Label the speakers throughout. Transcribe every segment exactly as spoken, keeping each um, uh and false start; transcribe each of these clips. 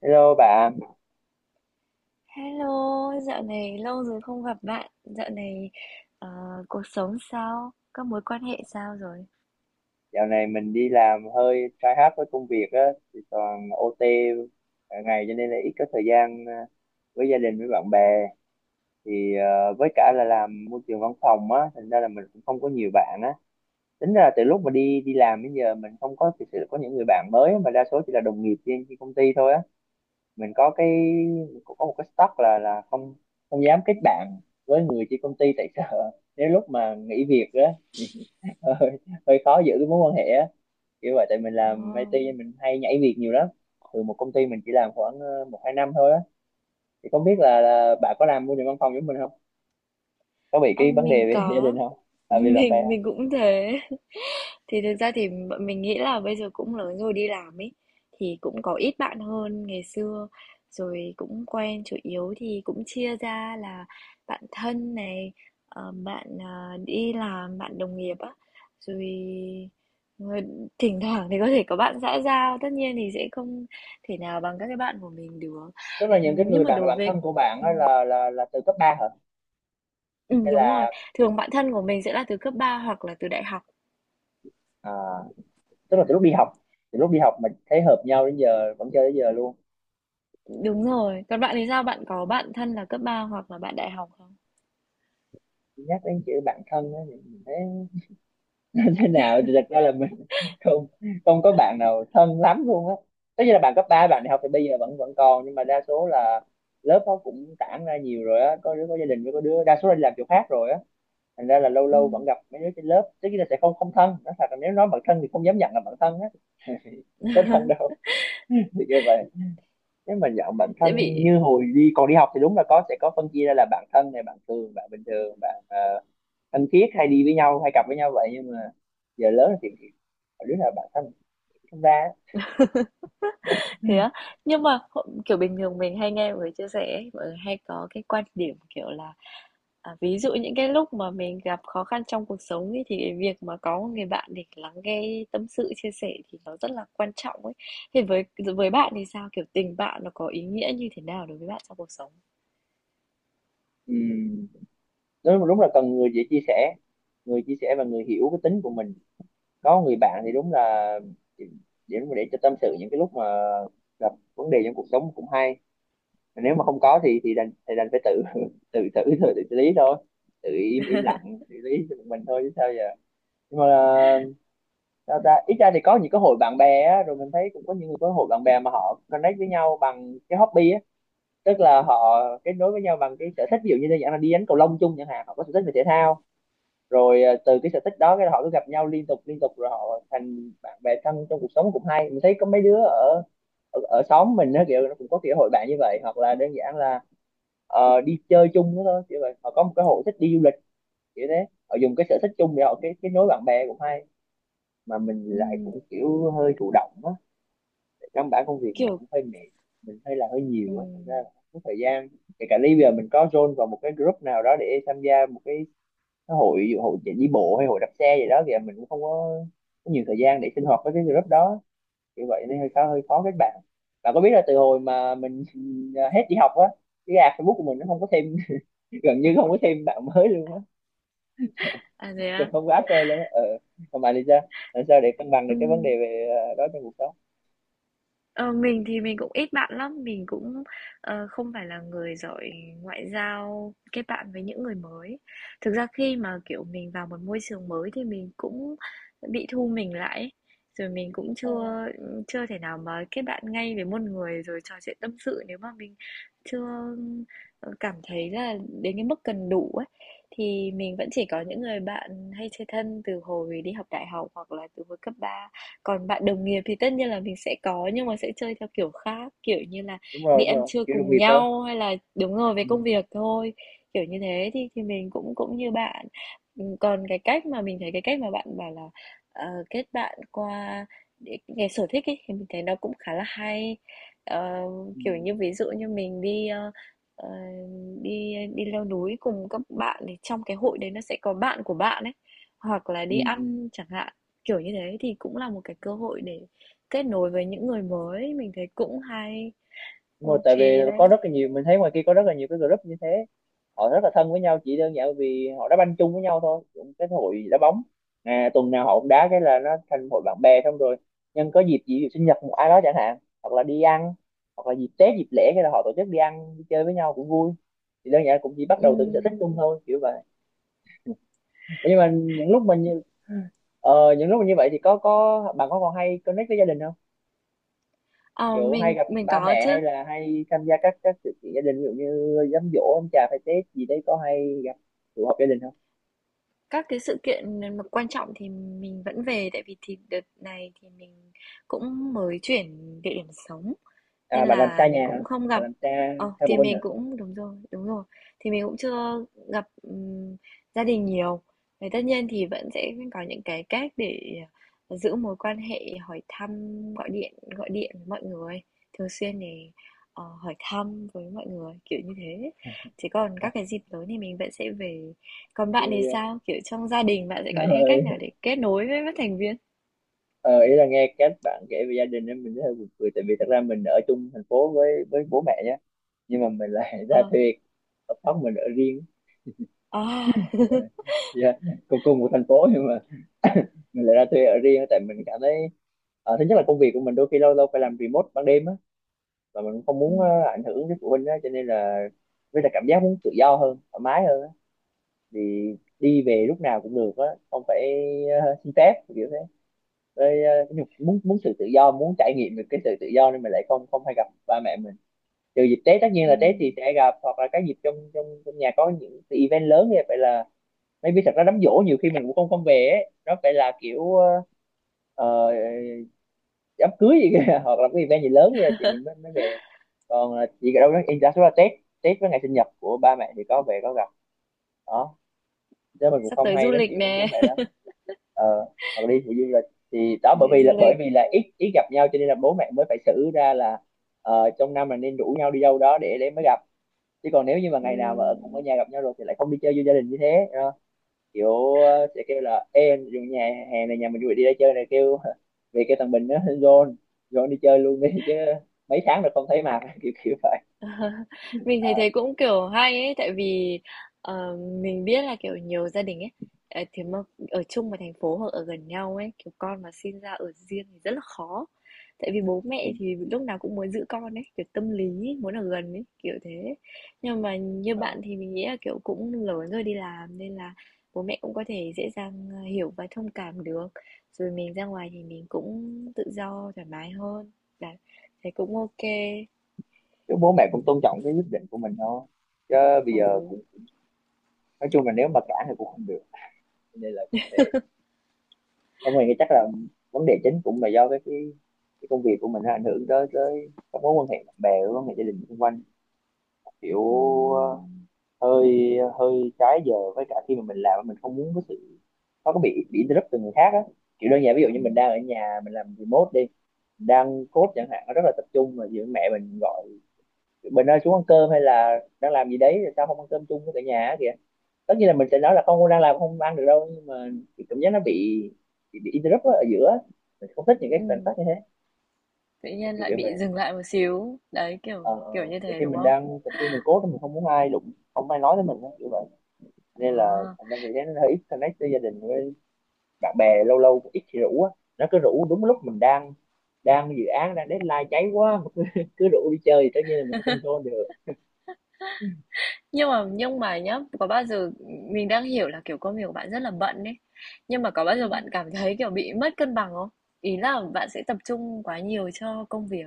Speaker 1: Hello bạn,
Speaker 2: Hello, dạo này lâu rồi không gặp bạn. Dạo này ờ, cuộc sống sao? Các mối quan hệ sao rồi?
Speaker 1: dạo này mình đi làm hơi trái hard với công việc á, thì toàn o tê cả ngày cho nên là ít có thời gian à, với gia đình với bạn bè. Thì à, với cả là làm môi trường văn phòng á, thành ra là mình cũng không có nhiều bạn á. Tính ra là từ lúc mà đi đi làm đến giờ mình không có thực sự có những người bạn mới, mà đa số chỉ là đồng nghiệp trên trên công ty thôi á. Mình có cái Cũng có một cái stock là là không không dám kết bạn với người trên công ty, tại sợ nếu lúc mà nghỉ việc á thì hơi, hơi khó giữ cái mối quan hệ á, kiểu vậy. Tại mình làm
Speaker 2: Ồ,
Speaker 1: ai ti nên mình hay nhảy việc nhiều lắm, từ một công ty mình chỉ làm khoảng ờ, một hai năm thôi á. Thì không biết là, là bà có làm môi trường văn phòng giống mình không, có bị
Speaker 2: ờ,
Speaker 1: cái vấn đề
Speaker 2: mình
Speaker 1: về gia đình
Speaker 2: có,
Speaker 1: không, à, về bạn bè
Speaker 2: mình
Speaker 1: không?
Speaker 2: mình cũng thế. Thì thực ra thì bọn mình nghĩ là bây giờ cũng lớn rồi đi làm ấy, thì cũng có ít bạn hơn ngày xưa, rồi cũng quen chủ yếu thì cũng chia ra là bạn thân này, ờ, bạn, à, đi làm, bạn đồng nghiệp á, rồi, ờ, thỉnh thoảng thì có thể có bạn xã giao, tất nhiên thì sẽ không thể nào bằng các cái bạn của mình được.
Speaker 1: Tức là
Speaker 2: Ừm,
Speaker 1: những cái
Speaker 2: nhưng
Speaker 1: người
Speaker 2: mà
Speaker 1: bạn
Speaker 2: đối
Speaker 1: bạn
Speaker 2: với
Speaker 1: thân của bạn á
Speaker 2: ừm,
Speaker 1: là là là từ cấp ba hả,
Speaker 2: ừm,
Speaker 1: hay
Speaker 2: đúng rồi,
Speaker 1: là
Speaker 2: thường bạn thân của mình sẽ là từ cấp ba hoặc là từ đại học.
Speaker 1: à, tức là từ lúc đi học, từ lúc đi học mình thấy hợp nhau đến giờ vẫn chơi đến giờ luôn?
Speaker 2: Đúng rồi. Còn bạn thì sao? Bạn có bạn thân là cấp ba hoặc là bạn đại học không?
Speaker 1: Nhắc đến chữ bạn thân á thì mình thấy nó thế nào thì thật ra là mình không không có bạn nào thân lắm luôn á. Tất nhiên là bạn cấp ba bạn đại học thì bây giờ vẫn vẫn còn, nhưng mà đa số là lớp nó cũng tản ra nhiều rồi á, có đứa có gia đình, với có đứa đa số là đi làm chỗ khác rồi á. Thành ra là lâu lâu vẫn
Speaker 2: Ừm,
Speaker 1: gặp mấy đứa trên lớp, tất nhiên là sẽ không không thân, nói thật là nếu nói bạn thân thì không dám nhận là bạn thân á. Có thân đâu. Thì như vậy, nếu mà dạng bản thân
Speaker 2: tại vì
Speaker 1: như hồi đi còn đi học thì đúng là có, sẽ có phân chia ra là bạn thân này, bạn thường, bạn bình thường, bạn ờ, thân thiết hay đi với nhau hay cặp với nhau vậy, nhưng mà giờ lớn thì thì đứa nào bạn thân không ra á.
Speaker 2: thế á, nhưng mà h kiểu, bình thường mình hay nghe mọi người chia sẻ ấy, mọi người hay có cái quan điểm, kiểu là, à, ví dụ những cái lúc mà mình gặp khó khăn trong cuộc sống ấy, thì cái việc mà có một người bạn để lắng nghe tâm sự, chia sẻ thì nó rất là quan trọng ấy. Thì với với bạn thì sao? Kiểu, tình bạn nó có ý nghĩa như thế nào đối với bạn trong cuộc sống?
Speaker 1: Ừm, đúng, đúng là cần người dễ chia sẻ, người chia sẻ và người hiểu cái tính của mình. Có người bạn thì đúng là để, để để cho tâm sự những cái lúc mà gặp vấn đề trong cuộc sống cũng hay. Mà nếu mà không có thì thì đành thì đành phải tự tự tự tự, tự xử lý thôi, tự im im lặng xử lý cho mình thôi chứ sao giờ. Nhưng mà là, sao ta, ít ra thì có những cái hội bạn bè á, rồi mình thấy cũng có những người có hội bạn bè mà họ connect với nhau bằng cái hobby á, tức là họ kết nối với nhau bằng cái sở thích. Ví dụ như đơn giản là đi đánh cầu lông chung chẳng hạn, họ có sở thích về thể thao, rồi ờ, từ cái sở thích đó cái họ cứ gặp nhau liên tục liên tục rồi họ thành bạn bè thân trong cuộc sống cũng hay. Mình thấy có mấy đứa ở ở, ở xóm mình á kiểu nó cũng có kiểu hội bạn như vậy, hoặc là đơn giản là ờ, đi chơi chung đó thôi, kiểu vậy, họ có một cái hội thích đi du lịch kiểu thế, họ dùng cái sở thích chung để họ cái kết nối bạn bè cũng hay. Mà mình lại
Speaker 2: Ừm,
Speaker 1: cũng kiểu hơi thụ động á, căn bản công việc mình
Speaker 2: kiểu
Speaker 1: cũng hơi mệt, mình hơi là hơi nhiều á thành ra
Speaker 2: ừm,
Speaker 1: là không có thời gian. Kể cả bây giờ mình có join vào một cái group nào đó để tham gia một cái cái hội hội chạy đi bộ hay hội đạp xe gì đó thì mình cũng không có, có nhiều thời gian để sinh hoạt với cái group đó như vậy, nên hơi khó hơi khó kết bạn. Bạn có biết là từ hồi mà mình hết đi học á, cái add Facebook của mình nó không có thêm gần như không có thêm bạn mới luôn á,
Speaker 2: à, thế á?
Speaker 1: không có add friend luôn á. Ờ, còn bạn thì sao, làm sao để cân bằng được cái vấn đề về ờ, đó trong cuộc sống?
Speaker 2: Ờ, mình thì mình cũng ít bạn lắm, mình cũng, ờ, không phải là người giỏi ngoại giao, kết bạn với những người mới. Thực ra khi mà, kiểu, mình vào một môi trường mới thì mình cũng bị thu mình lại ấy, rồi mình cũng
Speaker 1: Ờ,
Speaker 2: chưa, chưa thể nào mà kết bạn ngay với một người rồi trò chuyện tâm sự nếu mà mình chưa, ờ, cảm thấy là đến cái mức cần đủ ấy. Thì mình vẫn chỉ có những người bạn hay chơi thân từ hồi đi học đại học hoặc là từ hồi cấp ba, còn bạn đồng nghiệp thì tất nhiên là mình sẽ có, nhưng mà sẽ chơi theo kiểu khác, kiểu như là
Speaker 1: đúng rồi,
Speaker 2: đi
Speaker 1: đúng
Speaker 2: ăn
Speaker 1: rồi,
Speaker 2: trưa
Speaker 1: kiểu đồng
Speaker 2: cùng
Speaker 1: nghiệp thôi.
Speaker 2: nhau hay là đúng rồi, về
Speaker 1: Ừ.
Speaker 2: công việc thôi, kiểu như thế. Thì thì mình cũng cũng như bạn. Ừm, còn cái cách mà mình thấy cái cách mà bạn bảo là, ờ, kết bạn qua để cái sở thích ấy, thì mình thấy nó cũng khá là hay. Ờ,
Speaker 1: Ừ.
Speaker 2: kiểu như, ví dụ như mình đi, ơ, ờ, đi đi leo núi cùng các bạn thì trong cái hội đấy nó sẽ có bạn của bạn ấy, hoặc là
Speaker 1: Ừ.
Speaker 2: đi
Speaker 1: Ừ.
Speaker 2: ăn chẳng hạn. Kiểu như thế thì cũng là một cái cơ hội để kết nối với những người mới, mình thấy cũng hay.
Speaker 1: Đúng rồi,
Speaker 2: OK
Speaker 1: tại vì
Speaker 2: đấy.
Speaker 1: có rất là nhiều, mình thấy ngoài kia có rất là nhiều cái group như thế, họ rất là thân với nhau chỉ đơn giản vì họ đá banh chung với nhau thôi, cũng cái hội đá bóng, à, tuần nào họ cũng đá, cái là nó thành hội bạn bè. Xong rồi nhân có dịp gì, ví dụ sinh nhật một ai đó chẳng hạn, hoặc là đi ăn, hoặc là dịp Tết dịp lễ, cái là họ tổ chức đi ăn đi chơi với nhau cũng vui. Thì đơn giản cũng chỉ bắt đầu từ cái sở
Speaker 2: Ừm,
Speaker 1: thích chung thôi, kiểu vậy. Ủa, nhưng mà những lúc mình như ờ, những lúc mà như vậy thì có có bạn có còn hay connect với gia đình không,
Speaker 2: ờ,
Speaker 1: kiểu hay
Speaker 2: mình
Speaker 1: gặp
Speaker 2: mình
Speaker 1: ba
Speaker 2: có
Speaker 1: mẹ,
Speaker 2: chứ.
Speaker 1: hay là hay tham gia các các sự kiện gia đình, ví dụ như đám giỗ ông bà phải, Tết gì đấy, có hay gặp tụ họp gia đình không?
Speaker 2: Các cái sự kiện mà quan trọng thì mình vẫn về tại vì thì đợt này thì mình cũng mới chuyển địa điểm sống. Nên
Speaker 1: À, bạn làm xa
Speaker 2: là mình
Speaker 1: nhà hả,
Speaker 2: cũng không
Speaker 1: bạn
Speaker 2: gặp
Speaker 1: làm xa,
Speaker 2: ờ,
Speaker 1: xa phụ
Speaker 2: thì
Speaker 1: huynh hả?
Speaker 2: mình cũng đúng rồi, đúng rồi. Thì mình cũng chưa gặp, ừm, gia đình nhiều. Thì tất nhiên thì vẫn sẽ có những cái cách để ờ, giữ mối quan hệ, hỏi thăm, gọi điện gọi điện với mọi người, thường xuyên để, ờ, hỏi thăm với mọi người, kiểu như thế. Chứ còn
Speaker 1: À,
Speaker 2: các cái dịp lớn thì mình vẫn sẽ về. Còn bạn
Speaker 1: dạ,
Speaker 2: thì
Speaker 1: dạ.
Speaker 2: sao? Kiểu, trong gia đình bạn sẽ có những cái
Speaker 1: Rồi.
Speaker 2: cách nào để kết nối với các thành viên?
Speaker 1: Ờ, ý là nghe cách bạn kể về gia đình em mình thấy hơi buồn cười, tại vì thật ra mình ở chung thành phố với với bố mẹ nhé, nhưng mà mình lại ra
Speaker 2: Ờ,
Speaker 1: thuê ở phòng, mình ở riêng.
Speaker 2: à,
Speaker 1: Ờ, dạ, cùng cùng một thành phố nhưng mà mình lại ra thuê ở riêng tại mình cảm thấy ờ, thứ nhất là công việc của mình đôi khi lâu lâu phải làm remote ban đêm á, và mình cũng không muốn
Speaker 2: ừm,
Speaker 1: ờ, ảnh hưởng đến phụ huynh á cho nên là, với là cảm giác muốn tự do hơn thoải mái hơn á. Thì đi về lúc nào cũng được á, không phải ờ, xin phép kiểu thế, với ờ, cái nhục- muốn muốn sự tự do, muốn trải nghiệm được cái sự tự do, nên mình lại không không hay gặp ba mẹ mình, trừ dịp Tết. Tất nhiên là Tết thì
Speaker 2: ừm,
Speaker 1: sẽ gặp, hoặc là cái dịp trong trong trong nhà có những cái event lớn như vậy là, maybe thật ra đám giỗ nhiều khi mình cũng không không về ấy. Nó phải là kiểu ờ, ờ, đám cưới gì kìa, hoặc là cái event gì lớn kìa thì mình mới mới về, còn là chỉ đâu đó in đa số là Tết, Tết với ngày sinh nhật của ba mẹ thì có về có gặp đó, chứ mình cũng
Speaker 2: sắp
Speaker 1: không
Speaker 2: tới du
Speaker 1: hay nói
Speaker 2: lịch
Speaker 1: chuyện với
Speaker 2: nè.
Speaker 1: bố mẹ lắm. ờ Hoặc là đi phụ du lịch, thì đó, bởi
Speaker 2: Đi
Speaker 1: vì
Speaker 2: du
Speaker 1: là bởi
Speaker 2: lịch,
Speaker 1: vì là ít ít gặp nhau cho nên là bố mẹ mới phải xử ra là ờ, trong năm là nên rủ nhau đi đâu đó để để mới gặp, chứ còn nếu như mà ngày nào mà ở- cũng ở
Speaker 2: ừm,
Speaker 1: nhà gặp nhau rồi thì lại không đi chơi với gia đình như thế. Kiểu ờ, sẽ kêu là em dù nhà hè này nhà mình vui, đi ra chơi này, kêu về cái thằng Bình nó John John đi chơi luôn đi, chứ mấy tháng rồi không thấy mặt, kiểu kiểu vậy.
Speaker 2: mình
Speaker 1: Ờ,
Speaker 2: thấy thế cũng, kiểu, hay ấy, tại vì, ờ, mình biết là, kiểu, nhiều gia đình ấy, ờ, thì mà ở chung một thành phố hoặc ở gần nhau ấy, kiểu, con mà sinh ra ở riêng thì rất là khó. Tại vì bố
Speaker 1: ừ.
Speaker 2: mẹ thì lúc nào cũng muốn giữ con ấy, kiểu, tâm lý ấy, muốn ở gần ấy, kiểu thế. Nhưng mà như
Speaker 1: Ờ.
Speaker 2: bạn thì mình nghĩ là, kiểu, cũng lớn rồi đi làm nên là bố mẹ cũng có thể dễ dàng, ờ, hiểu và thông cảm được. Rồi mình ra ngoài thì mình cũng tự do thoải mái hơn, đấy, thấy cũng ok.
Speaker 1: Chứ bố mẹ cũng tôn trọng cái quyết định của mình thôi, chứ bây giờ
Speaker 2: Ồ,
Speaker 1: cũng, nói chung là nếu mà cản thì cũng không được, nên là cũng thế. Không, mình nghĩ chắc là vấn đề chính cũng là do cái cái, cái công việc của mình nó ảnh hưởng tới tới các mối quan hệ bạn bè, các mối quan hệ gia đình xung quanh, kiểu
Speaker 2: ừm,
Speaker 1: ờ, hơi hơi trái giờ. Với cả khi mà mình làm mình không muốn có sự, nó có bị bị interrupt từ người khác á, kiểu đơn giản ví dụ như mình
Speaker 2: ừm,
Speaker 1: đang ở nhà mình làm remote đi, đang code chẳng hạn nó rất là tập trung, mà giữa mẹ mình gọi mình ơi xuống ăn cơm, hay là đang làm gì đấy sao không ăn cơm chung với cả nhà á kìa. Tất nhiên là mình sẽ nói là không, con đang làm không ăn được đâu, nhưng mà cái cảm giác nó bị bị, bị interrupt á, ở giữa á. Mình không thích những cái khoảnh
Speaker 2: ừm,
Speaker 1: khắc như thế,
Speaker 2: tự nhiên
Speaker 1: kiểu
Speaker 2: lại
Speaker 1: kiểu vậy.
Speaker 2: bị dừng lại một xíu. Đấy, kiểu
Speaker 1: ờ ờ.
Speaker 2: kiểu như
Speaker 1: Đôi
Speaker 2: thế
Speaker 1: khi
Speaker 2: đúng
Speaker 1: mình
Speaker 2: không?
Speaker 1: đang tập trung, mình code mình không muốn ai đụng, không ai nói với mình á, kiểu vậy. Nên là
Speaker 2: À.
Speaker 1: thành ra vì thế nó hơi ít connect với gia đình, với bạn bè lâu lâu cũng ít thì rủ á. Nó cứ rủ đúng lúc mình đang đang dự án, đang deadline cháy quá mà cứ, cứ rủ đi chơi thì tất nhiên là mình sẽ không control được.
Speaker 2: Nhưng mà nhưng mà nhá, có bao giờ mình đang hiểu là kiểu công việc của bạn rất là bận đấy. Nhưng mà có bao giờ bạn cảm thấy kiểu bị mất cân bằng không? Ý là bạn sẽ tập trung quá nhiều cho công việc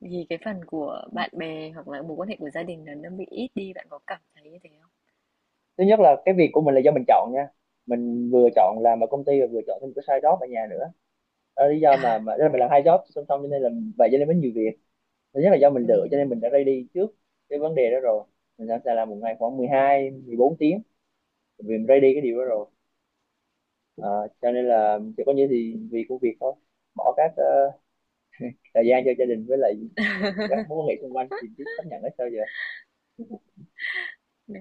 Speaker 2: thì cái phần của bạn bè hoặc là mối quan hệ của gia đình là nó bị ít đi, bạn có cảm thấy như thế không?
Speaker 1: Thứ nhất là cái việc của mình là do mình chọn nha. Mình vừa chọn làm ở công ty và vừa chọn thêm một cái side job ở nhà nữa. Đó là lý do
Speaker 2: À,
Speaker 1: mà mà đó là mình làm hai job song song, cho nên là vậy, cho nên mới nhiều việc. Thứ nhất là do mình lựa, cho nên mình
Speaker 2: ừm.
Speaker 1: đã ready trước cái vấn đề đó rồi. Mình sẵn sàng làm một ngày khoảng mười hai mười bốn tiếng, vì mình ready cái điều đó rồi. Ờ, cho nên là chỉ có như thì vì công việc thôi, bỏ các ờ, thời gian cho gia đình với lại các mối quan hệ xung quanh thì biết chấp nhận hết sao giờ.
Speaker 2: Ừm.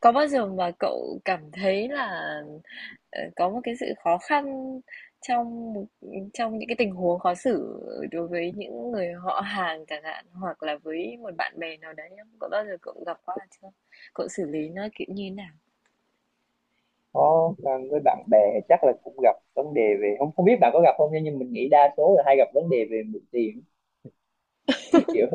Speaker 2: Có bao giờ mà cậu cảm thấy là, ờ, có một cái sự khó khăn trong một trong những cái tình huống khó xử đối với những người họ hàng chẳng hạn, hoặc là với một bạn bè nào đấy không? Có bao giờ cậu gặp qua chưa? Cậu xử lý nó, kiểu, như thế nào?
Speaker 1: Có ờ, với bạn bè chắc là cũng gặp vấn đề về, không không biết bạn có gặp không, nhưng mình nghĩ đa số là hay gặp vấn đề về mượn tiền. kiểu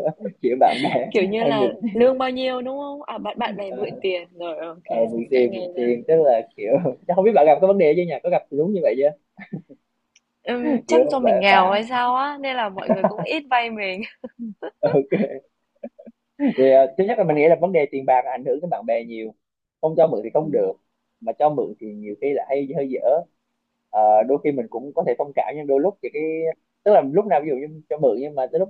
Speaker 1: kiểu bạn bè
Speaker 2: Kiểu như
Speaker 1: hay mượn,
Speaker 2: là lương bao nhiêu, đúng không? À, bạn bạn bè mượn
Speaker 1: ờ,
Speaker 2: tiền, rồi, ok,
Speaker 1: ờ, mượn
Speaker 2: mình đã
Speaker 1: tiền mượn
Speaker 2: nghe ra.
Speaker 1: tiền tức là kiểu chắc không biết bạn gặp cái vấn đề chứ nhỉ, có gặp đúng như vậy chứ.
Speaker 2: Ừm, chắc
Speaker 1: Kiểu
Speaker 2: do mình
Speaker 1: bạn,
Speaker 2: nghèo hay
Speaker 1: bạn
Speaker 2: sao á, nên là mọi người cũng ít vay mình.
Speaker 1: ok thì ờ, thứ nhất là mình nghĩ là vấn đề tiền bạc ảnh hưởng đến bạn bè nhiều. Không cho mượn thì không được,
Speaker 2: Ừm,
Speaker 1: mà cho mượn thì nhiều khi là hay hơi dở. Ờ, đôi khi mình cũng có thể thông cảm, nhưng đôi lúc thì cái, tức là lúc nào ví dụ như cho mượn nhưng mà tới lúc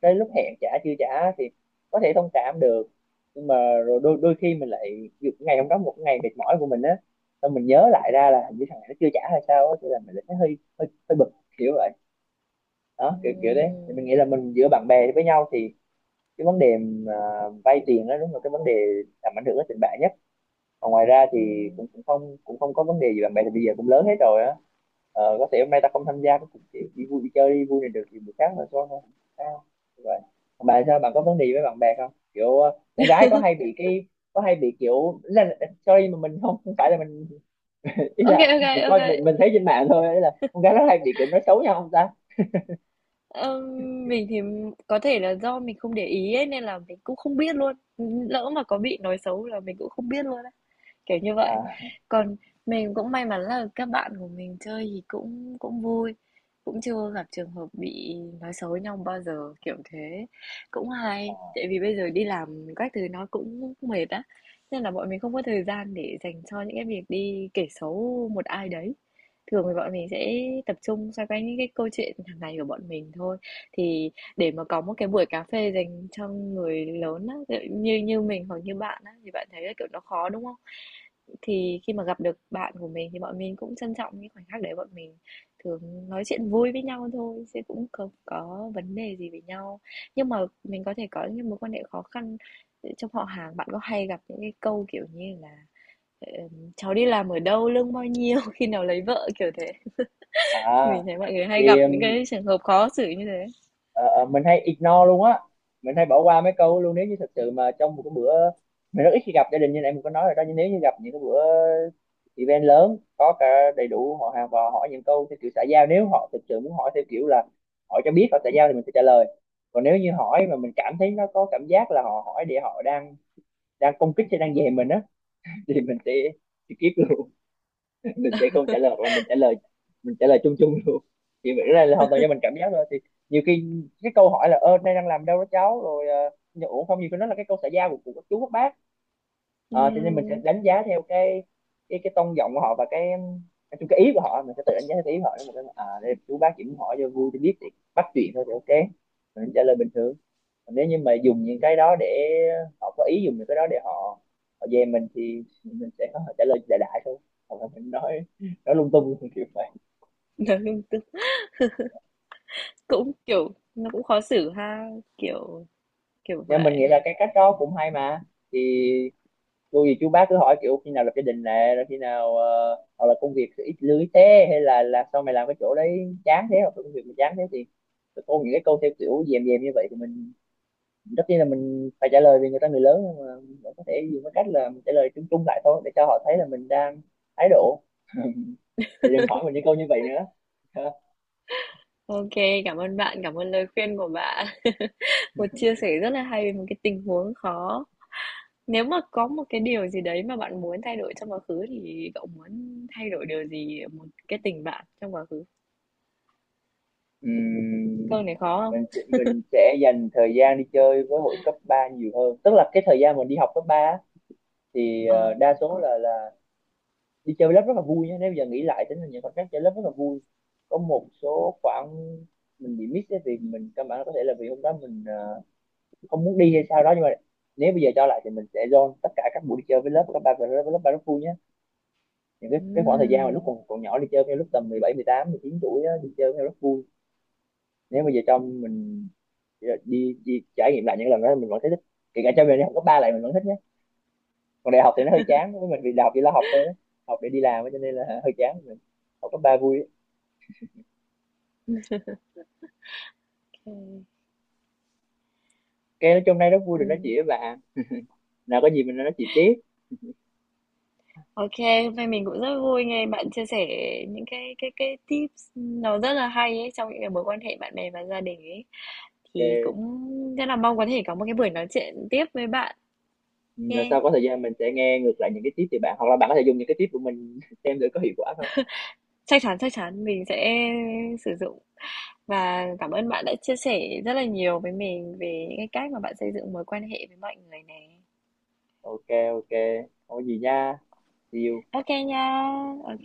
Speaker 1: tới lúc hẹn trả chưa trả thì có thể thông cảm được, nhưng mà rồi đôi đôi khi mình lại ví dụ ngày hôm đó một ngày mệt mỏi của mình á, xong mình nhớ lại ra là hình như thằng này nó chưa trả hay sao á, thế là mình lại thấy hơi hơi hơi bực, kiểu vậy. Đó, kiểu kiểu đấy thì
Speaker 2: ừm,
Speaker 1: mình nghĩ là mình, giữa bạn bè với nhau thì cái vấn đề mà vay tiền đó đúng là cái vấn đề làm ảnh hưởng đến tình bạn nhất. Còn ngoài ra thì
Speaker 2: ừm.
Speaker 1: cũng cũng không cũng không có vấn đề gì. Bạn bè thì bây giờ cũng lớn hết rồi á. Ờ, có thể hôm nay ta không tham gia cái cuộc chỉ đi vui đi chơi đi vui này được thì buổi sáng là thôi thôi, không sao vậy. Còn bạn sao? Bạn có vấn đề gì với bạn bè không? Kiểu ờ, con gái có hay bị cái, có hay bị kiểu, ý là ờ, sorry mà mình không không phải là mình ý
Speaker 2: Ô kê,
Speaker 1: là mình
Speaker 2: ô,
Speaker 1: coi mình mình thấy trên mạng thôi, ý là con gái nó hay bị kiểu nói xấu nhau không ta?
Speaker 2: ơ, mình thì có thể là do mình không để ý ấy, nên là mình cũng không biết luôn. Lỡ mà có bị nói xấu là mình cũng không biết luôn á, kiểu như vậy.
Speaker 1: À,
Speaker 2: Còn mình cũng may mắn là các bạn của mình chơi thì cũng cũng vui, cũng chưa gặp trường hợp bị nói xấu với nhau bao giờ, kiểu thế. Cũng hay, tại vì bây giờ đi làm các thứ nó cũng mệt á, nên là bọn mình không có thời gian để dành cho những cái việc đi kể xấu một ai đấy. Thường thì bọn mình sẽ tập trung xoay quanh những cái câu chuyện hàng ngày của bọn mình thôi. Thì để mà có một cái buổi cà phê dành cho người lớn á, như như mình hoặc như bạn á thì bạn thấy là, kiểu, nó khó, đúng không? Thì khi mà gặp được bạn của mình thì bọn mình cũng trân trọng những khoảnh khắc đấy, bọn mình thường nói chuyện vui với nhau thôi, chứ cũng không có vấn đề gì với nhau. Nhưng mà mình có thể có những mối quan hệ khó khăn trong họ hàng, bạn có hay gặp những cái câu, kiểu như là, "Cháu đi làm ở đâu, lương bao nhiêu, khi nào lấy vợ?" kiểu thế. Mình
Speaker 1: à
Speaker 2: thấy mọi người
Speaker 1: thì
Speaker 2: hay gặp những cái trường hợp khó xử như thế.
Speaker 1: ờ, ờ, mình hay ignore luôn á. Mình hay bỏ qua mấy câu luôn. Nếu như thật sự mà trong một cái bữa, mình rất ít khi gặp gia đình như này mình có nói rồi đó, nhưng nếu như gặp những cái bữa event lớn có cả đầy đủ họ hàng và hỏi những câu theo kiểu xã giao, nếu họ thực sự muốn hỏi theo kiểu là hỏi cho biết họ xã giao thì mình sẽ trả lời. Còn nếu như hỏi mà mình cảm thấy nó có cảm giác là họ hỏi để họ đang đang công kích hay đang dè mình á, thì mình sẽ skip luôn. Mình sẽ không trả lời, hoặc là mình trả lời mình trả lời chung chung luôn. Thì cái này là hoàn toàn do mình cảm giác thôi. Thì nhiều khi cái câu hỏi là, ơ nay đang làm đâu đó cháu rồi, ờ, ủa không, nhiều khi nó là cái câu xã giao của, của các chú các bác. Ờ, cho nên mình sẽ
Speaker 2: Ừm,
Speaker 1: đánh giá theo cái cái cái tông giọng của họ, và cái nói chung cái ý của họ mình sẽ tự đánh giá theo cái ý của họ. Nếu mà cái à đây chú bác chỉ muốn hỏi cho vui cho biết thì bắt chuyện thôi thì ok, mình trả lời bình thường. Còn nếu như mà dùng những cái đó để họ có ý dùng những cái đó để họ họ dè mình thì mình sẽ có trả lời đại đại thôi, hoặc là mình nói nói lung tung, kiểu vậy.
Speaker 2: cũng, kiểu, nó cũng khó xử ha, kiểu kiểu
Speaker 1: Nhưng mình
Speaker 2: vậy.
Speaker 1: nghĩ là cái cách đó cũng hay mà. Thì cô gì chú bác cứ hỏi kiểu khi nào lập gia đình nè, rồi khi nào ờ, hoặc là công việc ít lưới thế, hay là là sao mày làm cái chỗ đấy chán thế, hoặc là công việc mày chán thế thì cô những cái câu theo kiểu dèm dèm như vậy thì mình, tất nhiên là mình phải trả lời vì người ta người lớn, nhưng mà mình vẫn có thể dùng cái cách là mình trả lời chung chung lại thôi, để cho họ thấy là mình đang thái độ, để đừng hỏi mình những câu như vậy nữa. Ha.
Speaker 2: Ok, cảm ơn bạn, cảm ơn lời khuyên của bạn. Một chia sẻ rất là hay về một cái tình huống khó. Nếu mà có một cái điều gì đấy mà bạn muốn thay đổi trong quá khứ thì cậu muốn thay đổi điều gì ở một cái tình bạn trong quá khứ?
Speaker 1: Ừm,
Speaker 2: Câu này khó
Speaker 1: mình
Speaker 2: không?
Speaker 1: sẽ- mình sẽ dành thời gian đi chơi với hội cấp ba nhiều hơn. Tức là cái thời gian mình đi học cấp ba thì ờ,
Speaker 2: Ờ,
Speaker 1: đa số
Speaker 2: khó.
Speaker 1: là là đi chơi lớp rất là vui nhé. Nếu bây giờ nghĩ lại tính là những khoảnh khắc chơi lớp rất là vui. Có một số khoảng mình bị miss cái việc mình căn bản, có thể là vì hôm đó mình ờ, không muốn đi hay sao đó, nhưng mà nếu bây giờ cho lại thì mình sẽ dồn tất cả các buổi đi chơi với lớp, các bạn với lớp, với lớp ba rất vui nhé. Những cái cái khoảng thời gian mà lúc
Speaker 2: Ừm,
Speaker 1: còn còn nhỏ đi chơi, với lúc tầm mười mười bảy mười tám mười chín tuổi á, đi chơi với nhau rất vui. Nếu bây giờ cho mình đi, đi, đi trải nghiệm lại những lần đó mình vẫn thấy thích, kể cả cho mình đi học cấp ba lại mình vẫn thích nhé. Còn đại học thì nó hơi chán với mình, vì đại học chỉ là học thôi á. Học để đi làm á, cho nên là hơi chán. Mình học cấp ba vui.
Speaker 2: ok.
Speaker 1: Cái nói chung nay rất vui được nói
Speaker 2: Ừm.
Speaker 1: chuyện với bạn. Nào có gì mình nói chuyện tiếp.
Speaker 2: Ok, hôm nay mình cũng rất vui nghe bạn chia sẻ những cái cái cái tips nó rất là hay ấy trong những cái mối quan hệ bạn bè và gia đình ấy. Thì
Speaker 1: Ok.
Speaker 2: cũng rất là mong có thể có một cái buổi nói chuyện tiếp với bạn
Speaker 1: Ừ, lần
Speaker 2: nha.
Speaker 1: sau có thời gian mình sẽ nghe ngược lại những cái tiếp từ bạn, hoặc là bạn có thể dùng những cái tiếp của mình xem thử có hiệu quả không.
Speaker 2: Chắc chắn chắc chắn mình sẽ sử dụng. Và cảm ơn bạn đã chia sẻ rất là nhiều với mình về những cái cách mà bạn xây dựng mối quan hệ với mọi người nè.
Speaker 1: Ok. Ok, không có gì nha. See you.
Speaker 2: Ok nha, ok.